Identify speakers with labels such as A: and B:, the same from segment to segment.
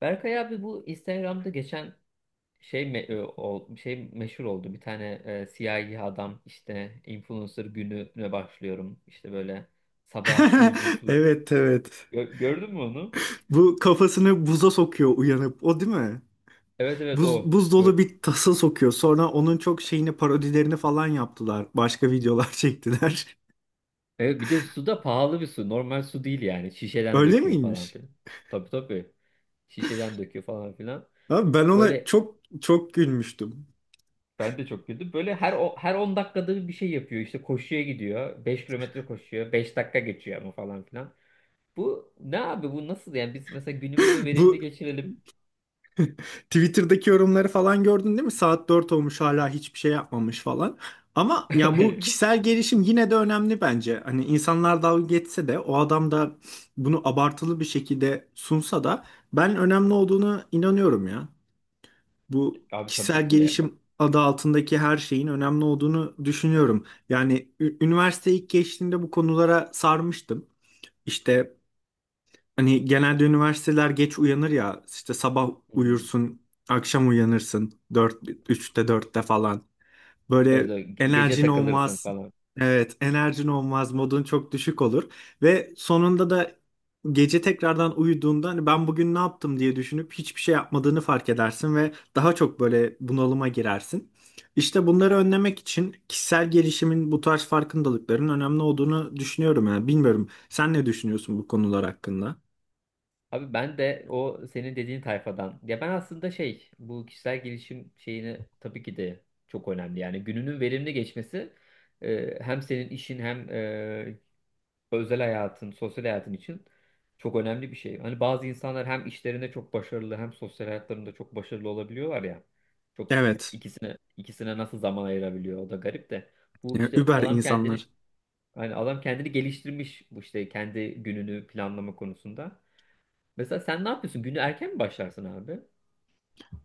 A: Berkay abi, bu Instagram'da geçen şey meşhur oldu. Bir tane siyahi adam, işte, influencer gününe başlıyorum. İşte böyle sabah buzlu su.
B: Evet evet.
A: Gördün mü onu?
B: Bu kafasını buza sokuyor uyanıp. O değil mi?
A: Evet, evet,
B: Buz,
A: o.
B: buz
A: İşte böyle.
B: dolu bir tasa sokuyor. Sonra onun çok şeyini parodilerini falan yaptılar. Başka videolar çektiler.
A: Evet, bir de su da pahalı bir su. Normal su değil yani. Şişeden
B: Öyle
A: döküyor falan
B: miymiş?
A: filan. Tabii, tabii. Şişeden döküyor falan filan.
B: Abi ben ona
A: Böyle
B: çok çok gülmüştüm.
A: ben de çok güldüm. Böyle her 10 dakikada bir şey yapıyor. İşte koşuya gidiyor. Beş kilometre koşuyor. Beş dakika geçiyor ama falan filan. Bu ne abi, bu nasıl yani? Biz mesela günümüzü verimli
B: Bu
A: geçirelim.
B: Twitter'daki yorumları falan gördün değil mi? Saat 4 olmuş hala hiçbir şey yapmamış falan. Ama ya bu kişisel gelişim yine de önemli bence. Hani insanlar dalga geçse de o adam da bunu abartılı bir şekilde sunsa da ben önemli olduğunu inanıyorum ya. Bu
A: Abi tabii
B: kişisel
A: ki de yani.
B: gelişim adı altındaki her şeyin önemli olduğunu düşünüyorum. Yani üniversite ilk geçtiğimde bu konulara sarmıştım. İşte hani genelde üniversiteler geç uyanır ya işte sabah
A: Hmm.
B: uyursun akşam uyanırsın 4 üçte dörtte falan.
A: Evet,
B: Böyle
A: gece
B: enerjin
A: takılırsın
B: olmaz.
A: falan.
B: Evet, enerjin olmaz, modun çok düşük olur ve sonunda da gece tekrardan uyuduğunda hani ben bugün ne yaptım diye düşünüp hiçbir şey yapmadığını fark edersin ve daha çok böyle bunalıma girersin. İşte bunları önlemek için kişisel gelişimin bu tarz farkındalıkların önemli olduğunu düşünüyorum yani. Bilmiyorum. Sen ne düşünüyorsun bu konular hakkında?
A: Abi, ben de o senin dediğin tayfadan. Ya ben aslında şey, bu kişisel gelişim şeyini tabii ki de çok önemli. Yani gününün verimli geçmesi hem senin işin hem özel hayatın, sosyal hayatın için çok önemli bir şey. Hani bazı insanlar hem işlerinde çok başarılı hem sosyal hayatlarında çok başarılı olabiliyorlar ya. Çok
B: Evet.
A: ikisine nasıl zaman ayırabiliyor, o da garip de. Bu
B: Yani
A: işte
B: über
A: adam kendini
B: insanlar.
A: Hani adam kendini geliştirmiş, bu işte kendi gününü planlama konusunda. Mesela sen ne yapıyorsun? Günü erken mi başlarsın abi?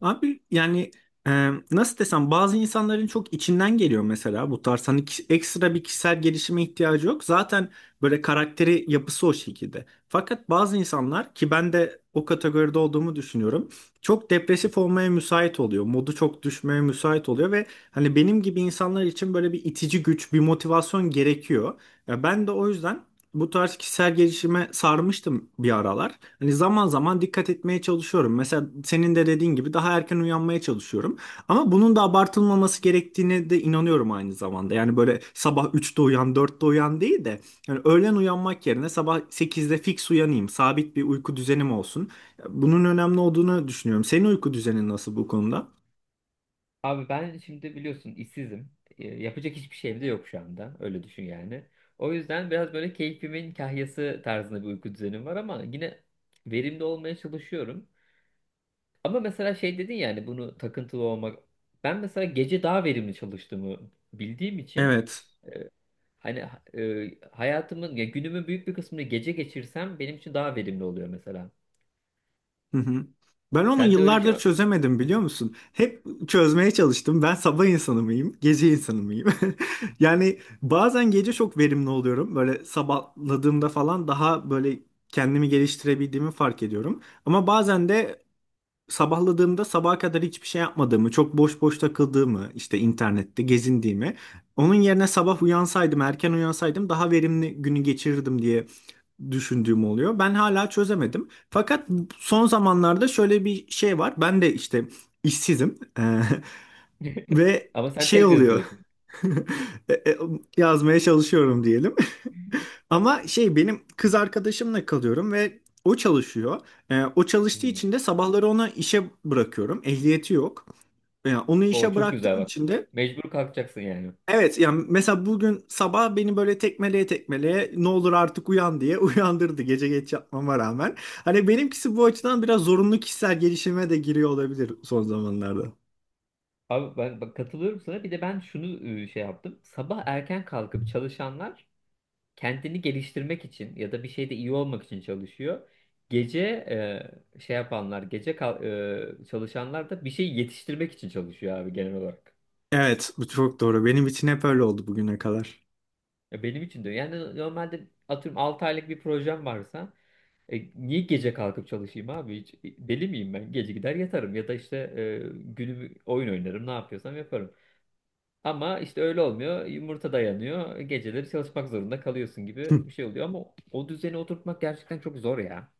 B: Abi yani nasıl desem bazı insanların çok içinden geliyor mesela bu tarz hani ekstra bir kişisel gelişime ihtiyacı yok. Zaten böyle karakteri yapısı o şekilde. Fakat bazı insanlar ki ben de o kategoride olduğumu düşünüyorum. Çok depresif olmaya müsait oluyor. Modu çok düşmeye müsait oluyor ve hani benim gibi insanlar için böyle bir itici güç, bir motivasyon gerekiyor. Ya ben de o yüzden bu tarz kişisel gelişime sarmıştım bir aralar. Hani zaman zaman dikkat etmeye çalışıyorum. Mesela senin de dediğin gibi daha erken uyanmaya çalışıyorum. Ama bunun da abartılmaması gerektiğine de inanıyorum aynı zamanda. Yani böyle sabah üçte uyan, dörtte uyan değil de yani öğlen uyanmak yerine sabah sekizde fix uyanayım. Sabit bir uyku düzenim olsun. Bunun önemli olduğunu düşünüyorum. Senin uyku düzenin nasıl bu konuda?
A: Abi ben şimdi biliyorsun, işsizim. Yapacak hiçbir şeyim de yok şu anda. Öyle düşün yani. O yüzden biraz böyle keyfimin kahyası tarzında bir uyku düzenim var ama yine verimli olmaya çalışıyorum. Ama mesela şey dedin, yani bunu takıntılı olmak. Ben mesela gece daha verimli çalıştığımı bildiğim için,
B: Evet.
A: e, hani hayatımın ya günümün büyük bir kısmını gece geçirsem benim için daha verimli oluyor mesela.
B: Hı hı. Ben onu
A: Sen de öyle bir şey
B: yıllardır
A: var.
B: çözemedim biliyor musun? Hep çözmeye çalıştım. Ben sabah insanı mıyım, gece insanı mıyım? Yani bazen gece çok verimli oluyorum. Böyle sabahladığımda falan daha böyle kendimi geliştirebildiğimi fark ediyorum. Ama bazen de sabahladığımda sabaha kadar hiçbir şey yapmadığımı, çok boş boş takıldığımı, işte internette gezindiğimi, onun yerine sabah uyansaydım, erken uyansaydım daha verimli günü geçirirdim diye düşündüğüm oluyor. Ben hala çözemedim. Fakat son zamanlarda şöyle bir şey var. Ben de işte işsizim. Eee, ve
A: Ama sen
B: şey
A: tez
B: oluyor.
A: yazıyorsun.
B: E, e, Yazmaya çalışıyorum diyelim. Ama şey benim kız arkadaşımla kalıyorum ve o çalışıyor. O çalıştığı
A: Hmm.
B: için de sabahları onu işe bırakıyorum. Ehliyeti yok. Yani onu
A: O
B: işe
A: çok güzel,
B: bıraktığım
A: bak.
B: için de
A: Mecbur kalkacaksın yani.
B: evet yani mesela bugün sabah beni böyle tekmeleye tekmeleye ne olur artık uyan diye uyandırdı gece geç yatmama rağmen. Hani benimkisi bu açıdan biraz zorunlu kişisel gelişime de giriyor olabilir son zamanlarda.
A: Abi ben bak katılıyorum sana. Bir de ben şunu şey yaptım. Sabah erken kalkıp çalışanlar kendini geliştirmek için ya da bir şeyde iyi olmak için çalışıyor. Gece e, şey yapanlar, gece kal- e, çalışanlar da bir şey yetiştirmek için çalışıyor abi, genel olarak.
B: Evet bu çok doğru. Benim için hep öyle oldu bugüne kadar.
A: Ya benim için de. Yani normalde atıyorum 6 aylık bir projem varsa niye gece kalkıp çalışayım abi? Hiç, deli miyim ben? Gece gider yatarım ya da işte, günümü oyun oynarım, ne yapıyorsam yaparım. Ama işte öyle olmuyor. Yumurta dayanıyor. Geceleri çalışmak zorunda kalıyorsun gibi bir şey oluyor. Ama o düzeni oturtmak gerçekten çok zor ya.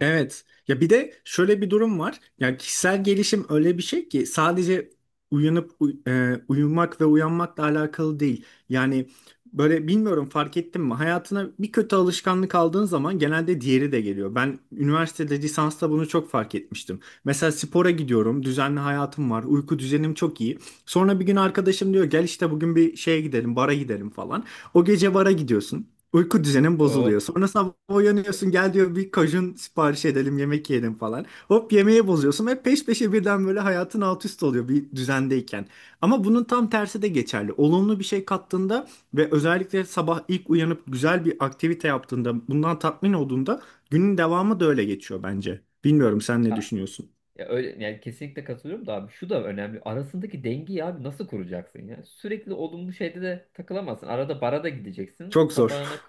B: Evet. Ya bir de şöyle bir durum var. Yani kişisel gelişim öyle bir şey ki sadece uyanıp uyumak ve uyanmakla alakalı değil. Yani böyle bilmiyorum fark ettin mi? Hayatına bir kötü alışkanlık aldığın zaman genelde diğeri de geliyor. Ben üniversitede lisansta bunu çok fark etmiştim. Mesela spora gidiyorum, düzenli hayatım var, uyku düzenim çok iyi. Sonra bir gün arkadaşım diyor gel işte bugün bir şeye gidelim, bara gidelim falan. O gece bara gidiyorsun. Uyku düzenin
A: O
B: bozuluyor. Sonra sabah uyanıyorsun gel diyor bir kajun sipariş edelim yemek yiyelim falan. Hop yemeği bozuyorsun ve peş peşe birden böyle hayatın alt üst oluyor bir düzendeyken. Ama bunun tam tersi de geçerli. Olumlu bir şey kattığında ve özellikle sabah ilk uyanıp güzel bir aktivite yaptığında bundan tatmin olduğunda günün devamı da öyle geçiyor bence. Bilmiyorum sen ne düşünüyorsun?
A: ya öyle yani, kesinlikle katılıyorum da abi, şu da önemli. Arasındaki dengeyi abi nasıl kuracaksın ya? Sürekli olumlu şeyde de takılamazsın. Arada bara da gideceksin.
B: Çok zor.
A: Sabahına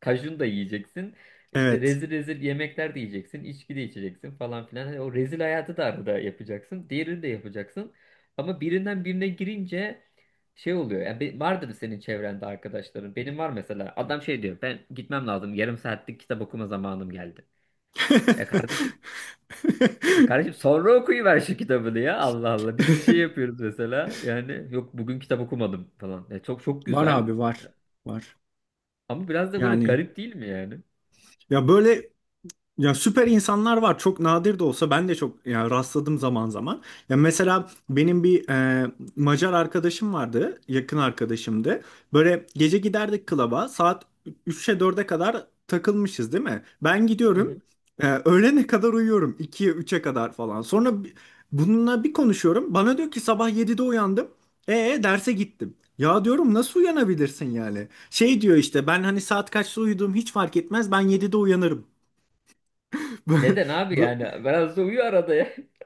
A: kajun da yiyeceksin. İşte
B: Evet.
A: rezil rezil yemekler de yiyeceksin. İçki de içeceksin falan filan. Hani o rezil hayatı da arada yapacaksın. Diğerini de yapacaksın. Ama birinden birine girince şey oluyor. Yani vardır senin çevrende arkadaşların. Benim var mesela. Adam şey diyor. Ben gitmem lazım. Yarım saatlik kitap okuma zamanım geldi. Ya kardeşim, kardeşim sonra okuyuver şu kitabını ya. Allah Allah. Biz bir şey yapıyoruz mesela. Yani yok, bugün kitap okumadım falan. Ya çok çok
B: Var
A: güzel.
B: abi var. Var.
A: Ama biraz da böyle
B: Yani
A: garip değil mi yani?
B: ya böyle. Ya süper insanlar var. Çok nadir de olsa ben de çok ya rastladım zaman zaman. Ya mesela benim bir Macar arkadaşım vardı, yakın arkadaşımdı. Böyle gece giderdik klaba. Saat 3'e dörde kadar takılmışız değil mi? Ben
A: Hı
B: gidiyorum.
A: hı.
B: E, öğlene kadar uyuyorum. 2'ye üç'e kadar falan. Sonra bununla bir konuşuyorum. Bana diyor ki sabah 7'de uyandım. E derse gittim. Ya diyorum nasıl uyanabilirsin yani? Şey diyor işte ben hani saat kaçta uyuduğum hiç fark etmez. Ben 7'de uyanırım. Bu-
A: Neden abi
B: bu-
A: yani? Biraz da uyu arada ya.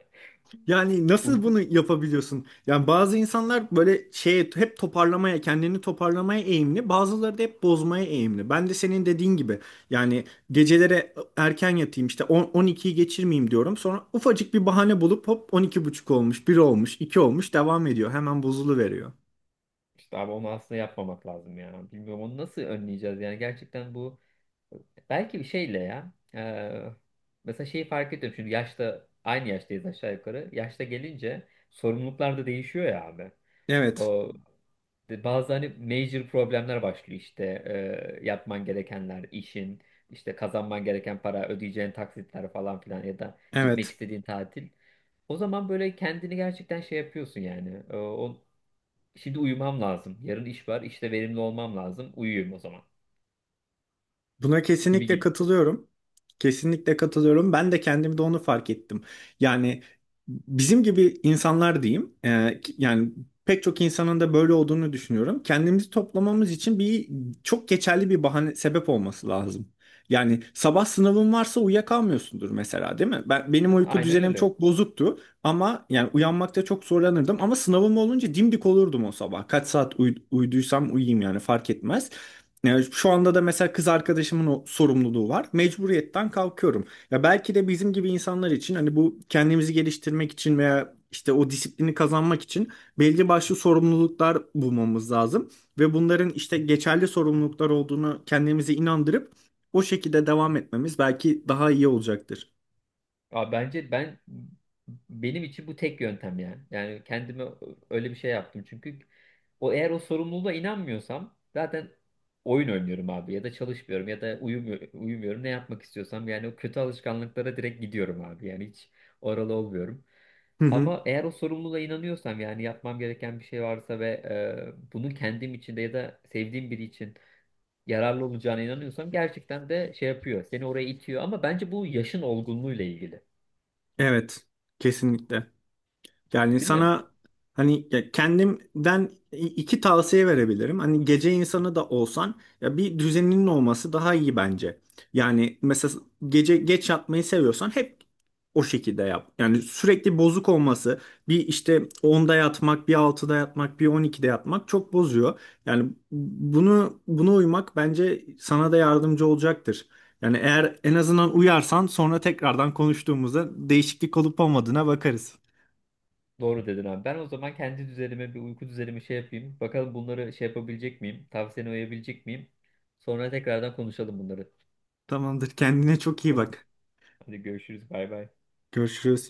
B: Yani nasıl
A: Uyku
B: bunu yapabiliyorsun? Yani bazı insanlar böyle şeye hep toparlamaya, kendini toparlamaya eğimli, bazıları da hep bozmaya eğimli. Ben de senin dediğin gibi yani gecelere erken yatayım işte 10 12'yi geçirmeyeyim diyorum. Sonra ufacık bir bahane bulup hop 12 buçuk olmuş, bir olmuş, 2 olmuş devam ediyor. Hemen bozuluveriyor.
A: işte abi, onu aslında yapmamak lazım ya. Bilmiyorum onu nasıl önleyeceğiz yani, gerçekten bu belki bir şeyle ya. Mesela şeyi fark ediyorum şimdi, yaşta aynı yaştayız aşağı yukarı. Yaşta gelince sorumluluklar da değişiyor ya abi.
B: Evet,
A: O Bazı hani major problemler başlıyor, işte yapman gerekenler, işin, işte kazanman gereken para, ödeyeceğin taksitler falan filan ya da gitmek
B: evet.
A: istediğin tatil. O zaman böyle kendini gerçekten şey yapıyorsun yani. Şimdi uyumam lazım. Yarın iş var, işte verimli olmam lazım. Uyuyayım o zaman.
B: Buna
A: Gibi
B: kesinlikle
A: gibi.
B: katılıyorum. Kesinlikle katılıyorum. Ben de kendimde onu fark ettim. Yani bizim gibi insanlar diyeyim, yani pek çok insanın da böyle olduğunu düşünüyorum. Kendimizi toplamamız için bir çok geçerli bir bahane sebep olması lazım. Yani sabah sınavın varsa uyuyakalmıyorsundur mesela, değil mi? Benim uyku
A: Aynen
B: düzenim
A: öyle.
B: çok bozuktu ama yani uyanmakta çok zorlanırdım ama sınavım olunca dimdik olurdum o sabah. Kaç saat uyuduysam uyuyayım yani fark etmez. Yani şu anda da mesela kız arkadaşımın o sorumluluğu var. Mecburiyetten kalkıyorum. Ya belki de bizim gibi insanlar için hani bu kendimizi geliştirmek için veya işte o disiplini kazanmak için belli başlı sorumluluklar bulmamız lazım. Ve bunların işte geçerli sorumluluklar olduğunu kendimize inandırıp o şekilde devam etmemiz belki daha iyi olacaktır.
A: Abi bence ben Benim için bu tek yöntem yani. Yani kendime öyle bir şey yaptım. Çünkü eğer o sorumluluğa inanmıyorsam zaten oyun oynuyorum abi, ya da çalışmıyorum ya da uyumuyorum, ne yapmak istiyorsam yani, o kötü alışkanlıklara direkt gidiyorum abi. Yani hiç oralı olmuyorum.
B: Hı hı.
A: Ama eğer o sorumluluğa inanıyorsam, yani yapmam gereken bir şey varsa ve bunun kendim için de ya da sevdiğim biri için yararlı olacağına inanıyorsam, gerçekten de şey yapıyor. Seni oraya itiyor ama bence bu yaşın olgunluğuyla ilgili.
B: Evet, kesinlikle. Yani
A: Değil mi?
B: sana hani ya kendimden iki tavsiye verebilirim. Hani gece insanı da olsan ya bir düzeninin olması daha iyi bence. Yani mesela gece geç yatmayı seviyorsan hep o şekilde yap. Yani sürekli bozuk olması bir işte 10'da yatmak, bir altıda yatmak, bir 12'de yatmak çok bozuyor. Yani buna uymak bence sana da yardımcı olacaktır. Yani eğer en azından uyarsan sonra tekrardan konuştuğumuzda değişiklik olup olmadığına bakarız.
A: Doğru dedin abi. Ben o zaman kendi düzenime bir uyku düzenimi şey yapayım. Bakalım bunları şey yapabilecek miyim? Tavsiyene uyabilecek miyim? Sonra tekrardan konuşalım bunları.
B: Tamamdır. Kendine çok iyi
A: Tamam.
B: bak.
A: Hadi görüşürüz. Bay bay.
B: Görüşürüz.